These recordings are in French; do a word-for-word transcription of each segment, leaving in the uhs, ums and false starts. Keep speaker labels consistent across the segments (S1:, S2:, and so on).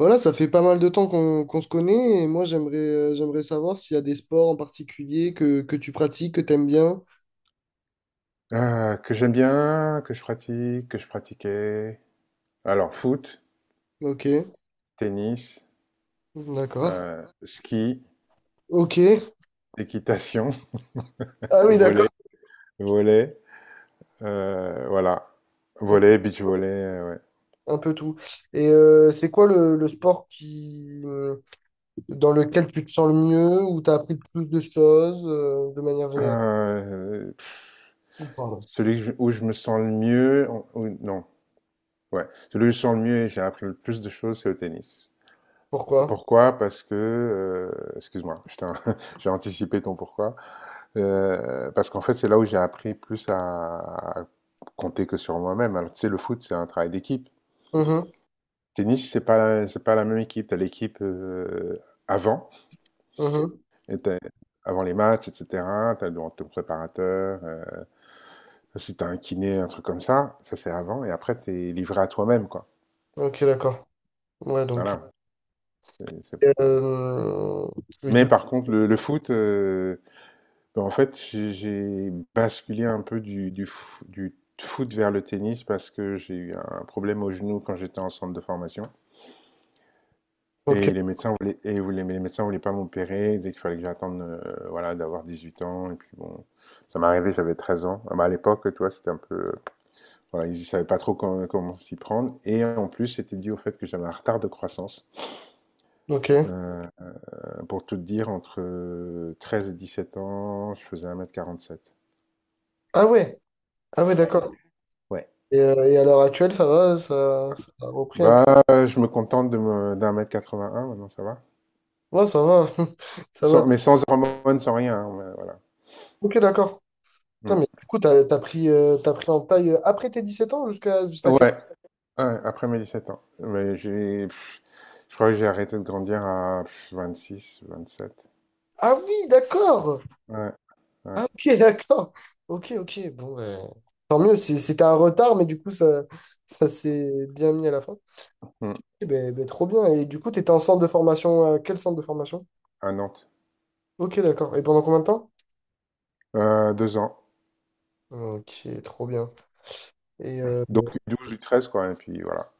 S1: Voilà, ça fait pas mal de temps qu'on qu'on se connaît et moi j'aimerais euh, j'aimerais savoir s'il y a des sports en particulier que, que tu pratiques, que t'aimes bien.
S2: Euh, que j'aime bien, que je pratique, que je pratiquais. Alors, foot,
S1: Ok,
S2: tennis,
S1: d'accord.
S2: euh, ski,
S1: Ok.
S2: équitation,
S1: Ah oui, d'accord.
S2: volley, volley, euh, voilà. Volley, beach volley, euh, ouais.
S1: Un peu tout. Et euh, c'est quoi le, le sport qui euh, dans lequel tu te sens le mieux, où tu as appris le plus de choses euh, de manière générale?
S2: Euh, pff,
S1: Ou pardon.
S2: celui que je- Où je me sens le mieux, en- où- non, ouais. Celui où je me sens le mieux et j'ai appris le plus de choses, c'est au tennis.
S1: Pourquoi?
S2: Pourquoi? Parce que, heu excuse-moi, je t'in j'ai anticipé ton pourquoi. Heu, parce qu'en fait, c'est là où j'ai appris plus à à compter que sur moi-même. Alors, tu sais, le foot, c'est un travail d'équipe.
S1: Mhm,
S2: Tennis, c'est pas c'est pas la même équipe. T'as l'équipe, heu, avant
S1: mhm.
S2: et tu avant les matchs et cetera. Tu as ton préparateur, heu, si t'as un kiné, un truc comme ça, ça, c'est avant et après, t'es livré à toi-même, quoi.
S1: Ok, d'accord. Ouais, donc
S2: Voilà, c'est c'est
S1: euh, oui,
S2: mais
S1: du-
S2: par contre, le le foot, euh, ben, en fait, j'ai j'ai basculé un peu du, du, fo- du foot vers le tennis parce que j'ai eu un problème au genou quand j'étais en centre de formation.
S1: ok,
S2: Et les médecins voulaient, et voulaient- Mais les médecins voulaient pas m'opérer, ils disaient qu'il fallait que j'attende, euh, voilà, d'avoir dix-huit ans. Et puis bon, ça m'est arrivé, j'avais treize ans. Ah ben, à l'époque, toi, c'était un peu, euh, voilà, ils ne savaient pas trop com- comment s'y prendre. Et en plus, c'était dû au fait que j'avais un retard de croissance.
S1: ok.
S2: Euh, pour tout te dire, entre euh, treize et dix-sept ans, je faisais un mètre quarante-sept.
S1: Ah ouais, ah ouais,
S2: Ouais,
S1: d'accord.
S2: ouais.
S1: Et, euh, et à l'heure actuelle, ça va, ça, ça a repris un peu.
S2: Bah, euh, je me contente de me d'un mètre quatre-vingt-un maintenant, ça va.
S1: Ouais, ça va. Ça va.
S2: Sans, mais sans hormones, sans rien, hein, ouais, voilà.
S1: Ok, d'accord. Putain,
S2: Mm.
S1: mais du coup, t'as, t'as pris, euh, t'as pris en taille euh, après tes dix-sept ans jusqu'à jusqu'à
S2: Ouais,
S1: quel...
S2: ouais, après mes dix-sept ans. Mais j'ai, pff, je crois que j'ai arrêté de grandir à pff, vingt-six, vingt-sept.
S1: Ah oui, d'accord.
S2: Ouais, ouais.
S1: Ah ok, d'accord. Ok, ok. Bon, ben, tant mieux. C'est- C'était un retard, mais du coup, ça, ça s'est bien mis à la fin.
S2: Mm.
S1: Eh ben, ben, trop bien. Et du coup, t'étais en centre de formation. Euh, quel centre de formation?
S2: À Nantes.
S1: Ok, d'accord. Et pendant combien de temps?
S2: Euh, deux ans.
S1: Ok, trop bien. Et euh,
S2: Donc du douze ou treize, quoi, et puis voilà.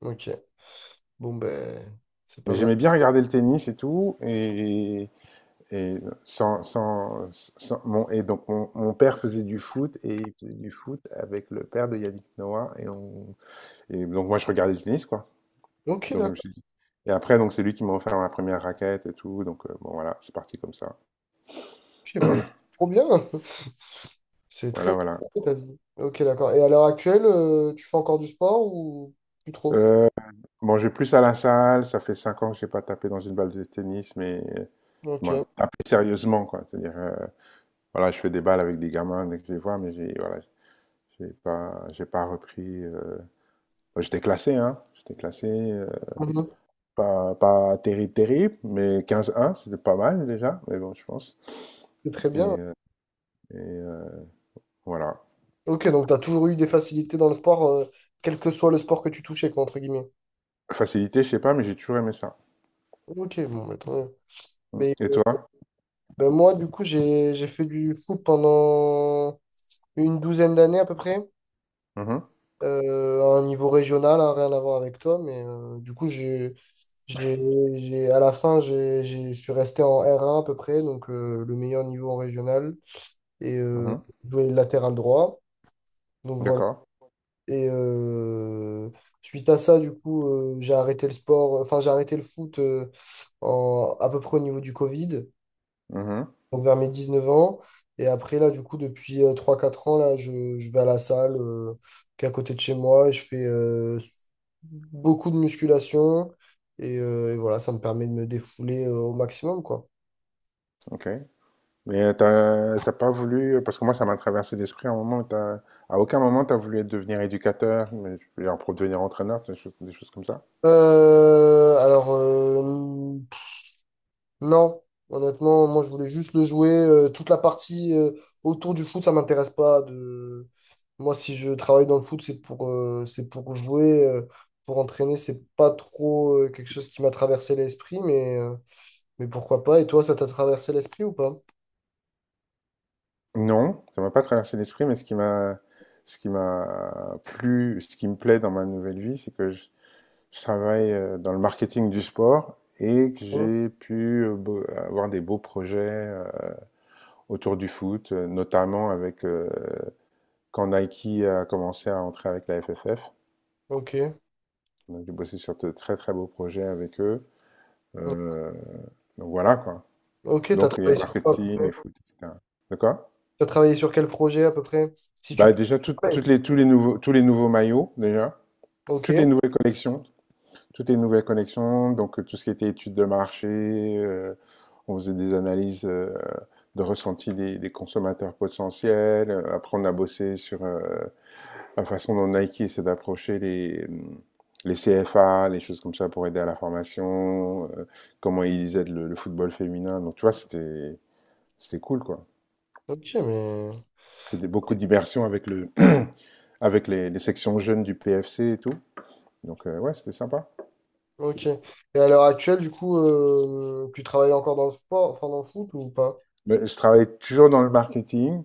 S1: ok. Bon, ben, c'est
S2: Mais
S1: pas mal.
S2: j'aimais bien regarder le tennis et tout, et, et sans, sans, sans- mon, et donc mon, mon père faisait du foot, et il faisait du foot avec le père de Yannick Noah. et on, Et donc moi je regardais le tennis, quoi.
S1: Ok,
S2: Donc je me
S1: d'accord.
S2: suis dit. Et après donc c'est lui qui m'a offert ma première raquette et tout. Donc, euh, bon voilà, c'est parti comme ça.
S1: Ok, mais trop bien. C'est très
S2: Voilà, voilà.
S1: marqué, ta vie. Ok, d'accord. Et à l'heure actuelle, euh, tu fais encore du sport ou plus trop?
S2: Euh, bon, je vais plus à la salle. Ça fait cinq ans que j'ai pas tapé dans une balle de tennis, mais euh,
S1: Ok.
S2: bon, tapé sérieusement, quoi. C'est-à-dire, euh, voilà, je fais des balles avec des gamins dès que je les vois, mais j'ai voilà j'ai pas j'ai pas repris. Euh, bon, j'étais classé, hein. J'étais classé, euh,
S1: Mhm.
S2: pas pas terrible terrible, mais quinze un, c'était pas mal déjà. Mais bon, je pense.
S1: C'est très
S2: Et,
S1: bien.
S2: euh, et, euh, voilà.
S1: Ok, donc tu as toujours eu des facilités dans le sport, euh, quel que soit le sport que tu touchais, quoi, entre guillemets.
S2: Facilité, je sais pas, mais j'ai toujours aimé ça.
S1: Ok, bon, bah, tant mieux.
S2: Mm.
S1: Mais
S2: Et toi?
S1: ben, moi, du coup, j'ai j'ai fait du foot pendant une douzaine d'années à peu près.
S2: Mhm,
S1: Euh, à un niveau régional, hein, rien à voir avec toi, mais euh, du coup, j'ai, j'ai, j'ai, à la fin, j'ai, j'ai- je suis resté en R un à peu près, donc euh, le meilleur niveau en régional, et euh,
S2: mhm,
S1: doué latéral droit. Donc voilà.
S2: d'accord.
S1: Et euh, suite à ça, du coup, euh, j'ai arrêté le sport, enfin, j'ai arrêté le foot euh, en, à peu près au niveau du Covid
S2: Mhm,
S1: donc vers mes dix neuf ans. Et après, là, du coup, depuis euh, trois quatre ans, là, je, je vais à la salle euh, qui est à côté de chez moi et je fais euh, beaucoup de musculation. Et, euh, et voilà, ça me permet de me défouler euh, au maximum, quoi.
S2: ok. Mais euh, t'as t'as pas voulu, euh, parce que moi ça m'a traversé l'esprit à un moment, t'as- à aucun moment t'as voulu, être- devenir éducateur, mais, genre, pour devenir entraîneur, des choses, des choses comme ça.
S1: Euh, alors, euh, Non, honnêtement, moi je voulais juste le jouer. Euh, toute la partie euh, autour du foot, ça m'intéresse pas. De... Moi, si je travaille dans le foot, c'est pour, euh, c'est pour jouer, euh, pour entraîner. C'est pas trop euh, quelque chose qui m'a traversé l'esprit, mais, euh, mais pourquoi pas. Et toi, ça t'a traversé l'esprit ou pas?
S2: Non, ça m'a pas traversé l'esprit, mais ce qui m'a, ce qui m'a plu, ce qui me plaît dans ma nouvelle vie, c'est que je, je travaille, euh, dans le marketing du sport et que
S1: Ouais.
S2: j'ai pu, euh, bo- avoir des beaux projets, euh, autour du foot, euh, notamment avec, euh, quand Nike a commencé à entrer avec la F F F.
S1: Ok.
S2: Donc, j'ai bossé sur de très très beaux projets avec eux. Euh, donc voilà, quoi.
S1: Ok, t'as
S2: Donc il y a le
S1: travaillé sur quoi?
S2: marketing, il faut, et foot, et cetera. D'accord.
S1: T'as travaillé sur quel projet à peu près? Si tu
S2: Bah déjà, tout-
S1: peux. Ouais.
S2: toutes les tous les nouveaux tous les nouveaux maillots déjà,
S1: Ok.
S2: toutes les nouvelles collections, toutes les nouvelles collections. Donc, euh, tout ce qui était études de marché, euh, on faisait des analyses, euh, de ressenti des, des consommateurs potentiels. Euh, Après on a bossé sur, euh, la façon dont Nike essaie d'approcher les, mm, les C F A, les choses comme ça pour aider à la formation, euh, comment ils aident le, le football féminin. Donc, tu vois, c'était c'était cool, quoi.
S1: Ok, mais.
S2: Je fais, des, beaucoup d'immersions avec, le avec les, les sections jeunes du P F C et tout. Donc, euh, ouais, c'était sympa.
S1: Ok. Et à l'heure actuelle, du coup, euh, tu travailles encore dans le sport, enfin dans le foot ou pas?
S2: Mais je travaille toujours dans le marketing.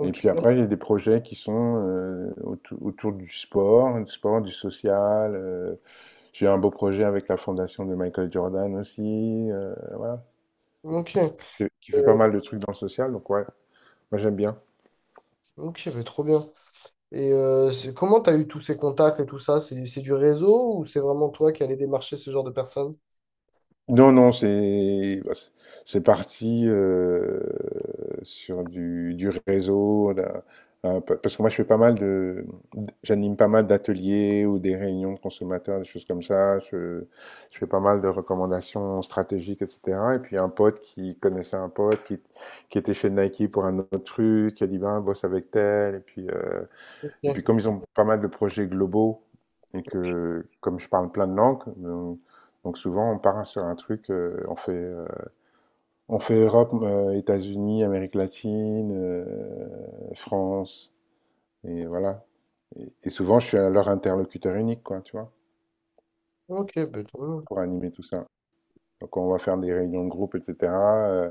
S2: Et puis après, j'ai des projets qui sont, euh, autou- autour du sport, du sport, du social. Euh, j'ai un beau projet avec la fondation de Michael Jordan aussi. Euh, voilà,
S1: Ok.
S2: qui fait qui fait pas
S1: Euh,
S2: mal de trucs dans le social, donc ouais, moi j'aime bien.
S1: Ok, bah, trop bien. Et euh, c'est- comment t'as eu tous ces contacts et tout ça? C'est c'est du réseau ou c'est vraiment toi qui allais démarcher ce genre de personnes?
S2: Non, non, c'est bah, c'est c'est parti, euh, sur du, du réseau, d'un- un peu- parce que moi je fais pas mal de, j'anime pas mal d'ateliers ou des réunions de consommateurs, des choses comme ça. Je, je fais pas mal de recommandations stratégiques, et cetera. Et puis un pote qui connaissait un pote qui, qui était chez Nike pour un autre truc, qui a dit ben bosse avec tel, et puis, euh, et puis
S1: Ok,
S2: comme ils ont pas mal de projets globaux et que comme je parle plein de langues, donc, donc souvent on part sur un truc, euh, on fait, euh, on fait Europe, euh, États-Unis, Amérique latine, euh, France, et voilà. Et, et souvent je suis leur interlocuteur unique, quoi, tu vois,
S1: ok, bah, trop bien. Tu
S2: pour animer tout ça. Donc on va faire des réunions de groupe, et cetera, euh,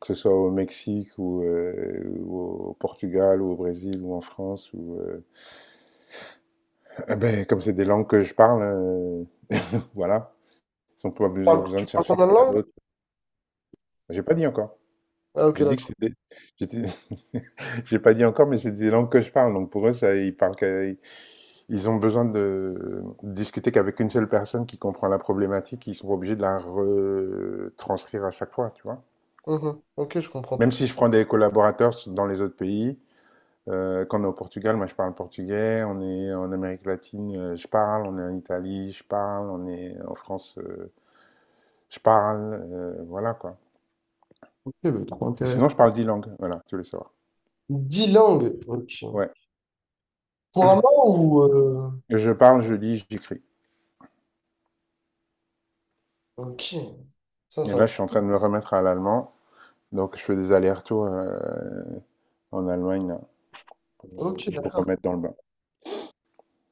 S2: que ce soit au Mexique ou, euh, ou au Portugal ou au Brésil ou en France. Ou, euh, ben, comme c'est des langues que je parle, euh, voilà. Ils ont pas be-
S1: parles
S2: besoin
S1: tu
S2: de
S1: parles
S2: chercher
S1: combien de
S2: quelqu'un
S1: langues?
S2: d'autre. J'ai pas dit encore.
S1: Ah, ok,
S2: J'ai dit que
S1: d'accord.
S2: c'était. j'étais- J'ai pas dit encore, mais c'est des langues que je parle. Donc pour eux, ça, ils parlent qu'à- ils ont besoin de discuter qu'avec une seule personne qui comprend la problématique. Ils sont pas obligés de la retranscrire à chaque fois, tu vois.
S1: Mhm. Ok, je comprends tout.
S2: Même si je prends des collaborateurs dans les autres pays, euh, quand on est au Portugal, moi je parle portugais. On est en Amérique latine, euh, je parle. On est en Italie, je parle. On est en France, euh, je parle. Euh, voilà, quoi.
S1: Ok, bah, trop
S2: Mais
S1: intéressant.
S2: sinon, je parle dix langues. Voilà, tu voulais savoir.
S1: Dix langues. Ok.
S2: Ouais.
S1: Couramment ou. euh,
S2: Je parle, je lis, j'écris.
S1: Ok. Ça,
S2: Et
S1: ça.
S2: là, je suis en train de me remettre à l'allemand. Donc, je fais des allers-retours, euh, en Allemagne, là, pour
S1: Ok,
S2: me
S1: d'accord.
S2: remettre dans le bain.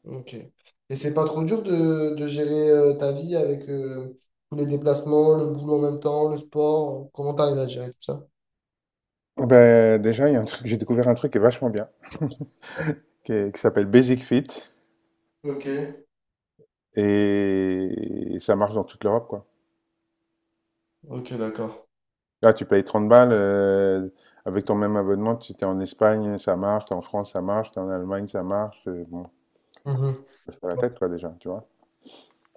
S1: Ok. Et c'est pas trop dur de, de gérer euh, ta vie avec euh, tous les déplacements, le boulot en même temps, le sport. Comment t'arrives à gérer tout ça?
S2: Ben, déjà, il y a un truc, j'ai découvert un truc qui est vachement bien, qui, est- qui s'appelle Basic Fit.
S1: Ok.
S2: Et, ça marche dans toute l'Europe, quoi.
S1: Ok, d'accord.
S2: Là, tu payes trente balles. Euh, avec ton même abonnement, tu t'es en Espagne, ça marche. T'es en France, ça marche. T'es en Allemagne, ça marche. Euh, bon,
S1: Mhm.
S2: ça se fait la tête, toi, déjà, tu vois.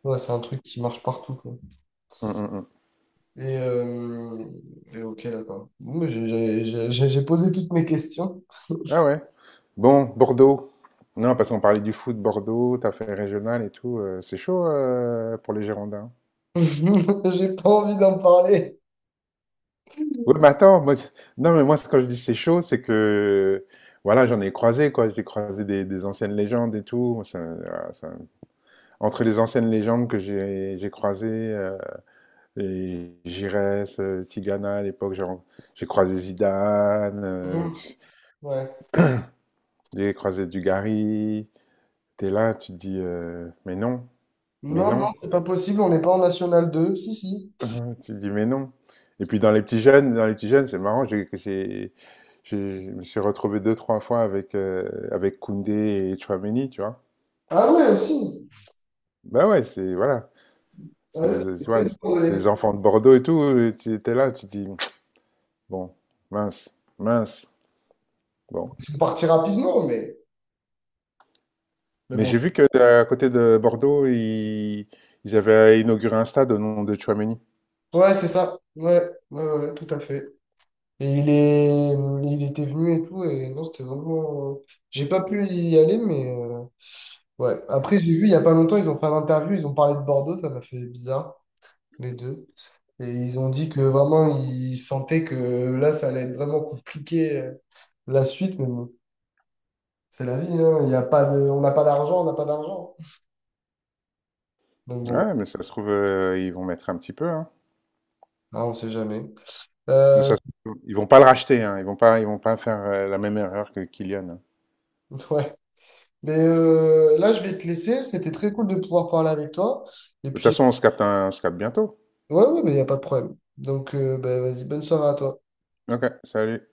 S1: Ouais, c'est un truc qui marche partout, quoi.
S2: Mm, mm, mm.
S1: Et, euh, et ok, d'accord. Bon, mais J'ai j'ai- j'ai- j'ai- j'ai posé toutes mes questions.
S2: Ah ouais. Bon, Bordeaux. Non, parce qu'on parlait du foot, Bordeaux, t'as fait régional et tout. Euh, c'est chaud, euh, pour les Girondins.
S1: J'ai pas envie d'en parler.
S2: Oui, mais attends, moi, c'est- non, mais moi, c'est- quand je dis c'est chaud, c'est que, voilà, j'en ai croisé, quoi. J'ai croisé des, des anciennes légendes et tout. Ça- voilà, ça- entre les anciennes légendes que j'ai j'ai croisées, euh, et Giresse, euh, Tigana à l'époque, genre, j'ai croisé Zidane, euh,
S1: Mhm. Ouais.
S2: j'ai croisé Dugarry. T'es là, tu te dis, euh, mais non, mais
S1: Non, non,
S2: non.
S1: c'est pas possible, on n'est pas en National deux, si, si.
S2: Ah, tu te dis, mais non. Et puis dans les petits jeunes, dans les petits jeunes, c'est marrant, j'ai, j'ai, j'ai- je me suis retrouvé deux, trois fois avec, euh, avec Koundé et Tchouaméni, tu vois.
S1: Ah ouais, aussi.
S2: Bah ouais, c'est, voilà,
S1: Ah
S2: c'est
S1: ouais,
S2: des,
S1: c'est
S2: tu vois,
S1: très
S2: c'est
S1: drôle.
S2: des enfants de Bordeaux et tout, et tu étais là, tu te dis, bon, mince, mince, bon.
S1: On partit rapidement, mais... Mais
S2: Mais
S1: bon,
S2: j'ai vu que, euh, à côté de Bordeaux, ils, ils avaient inauguré un stade au nom de Tchouaméni.
S1: ouais, c'est ça. Ouais, ouais, ouais, tout à fait. Et il est... il était venu et tout, et non, c'était vraiment... J'ai pas pu y aller, mais... euh, Ouais. Après, j'ai vu, il y a pas longtemps, ils ont fait un interview, ils ont parlé de Bordeaux, ça m'a fait bizarre, les deux. Et ils ont dit que vraiment, ils sentaient que là, ça allait être vraiment compliqué, euh, la suite, mais bon, c'est la vie, hein. Il y a pas de... On n'a pas d'argent, on n'a pas d'argent. Donc bon, bah,
S2: Ouais, mais ça se trouve, euh, ils vont mettre un petit peu, hein.
S1: hein, on sait jamais.
S2: Mais
S1: Euh,
S2: ça se trouve, ils vont pas le racheter, hein. Ils vont pas, ils vont pas faire, euh, la même erreur que Kylian, hein.
S1: ouais. Mais euh, là, je vais te laisser. C'était très cool de pouvoir parler avec toi. Et
S2: De toute
S1: puis,
S2: façon, on se capte, un- on se capte bientôt.
S1: ouais, ouais, mais il n'y a pas de problème. Donc, euh, bah, vas-y, bonne soirée à toi.
S2: Ok, salut.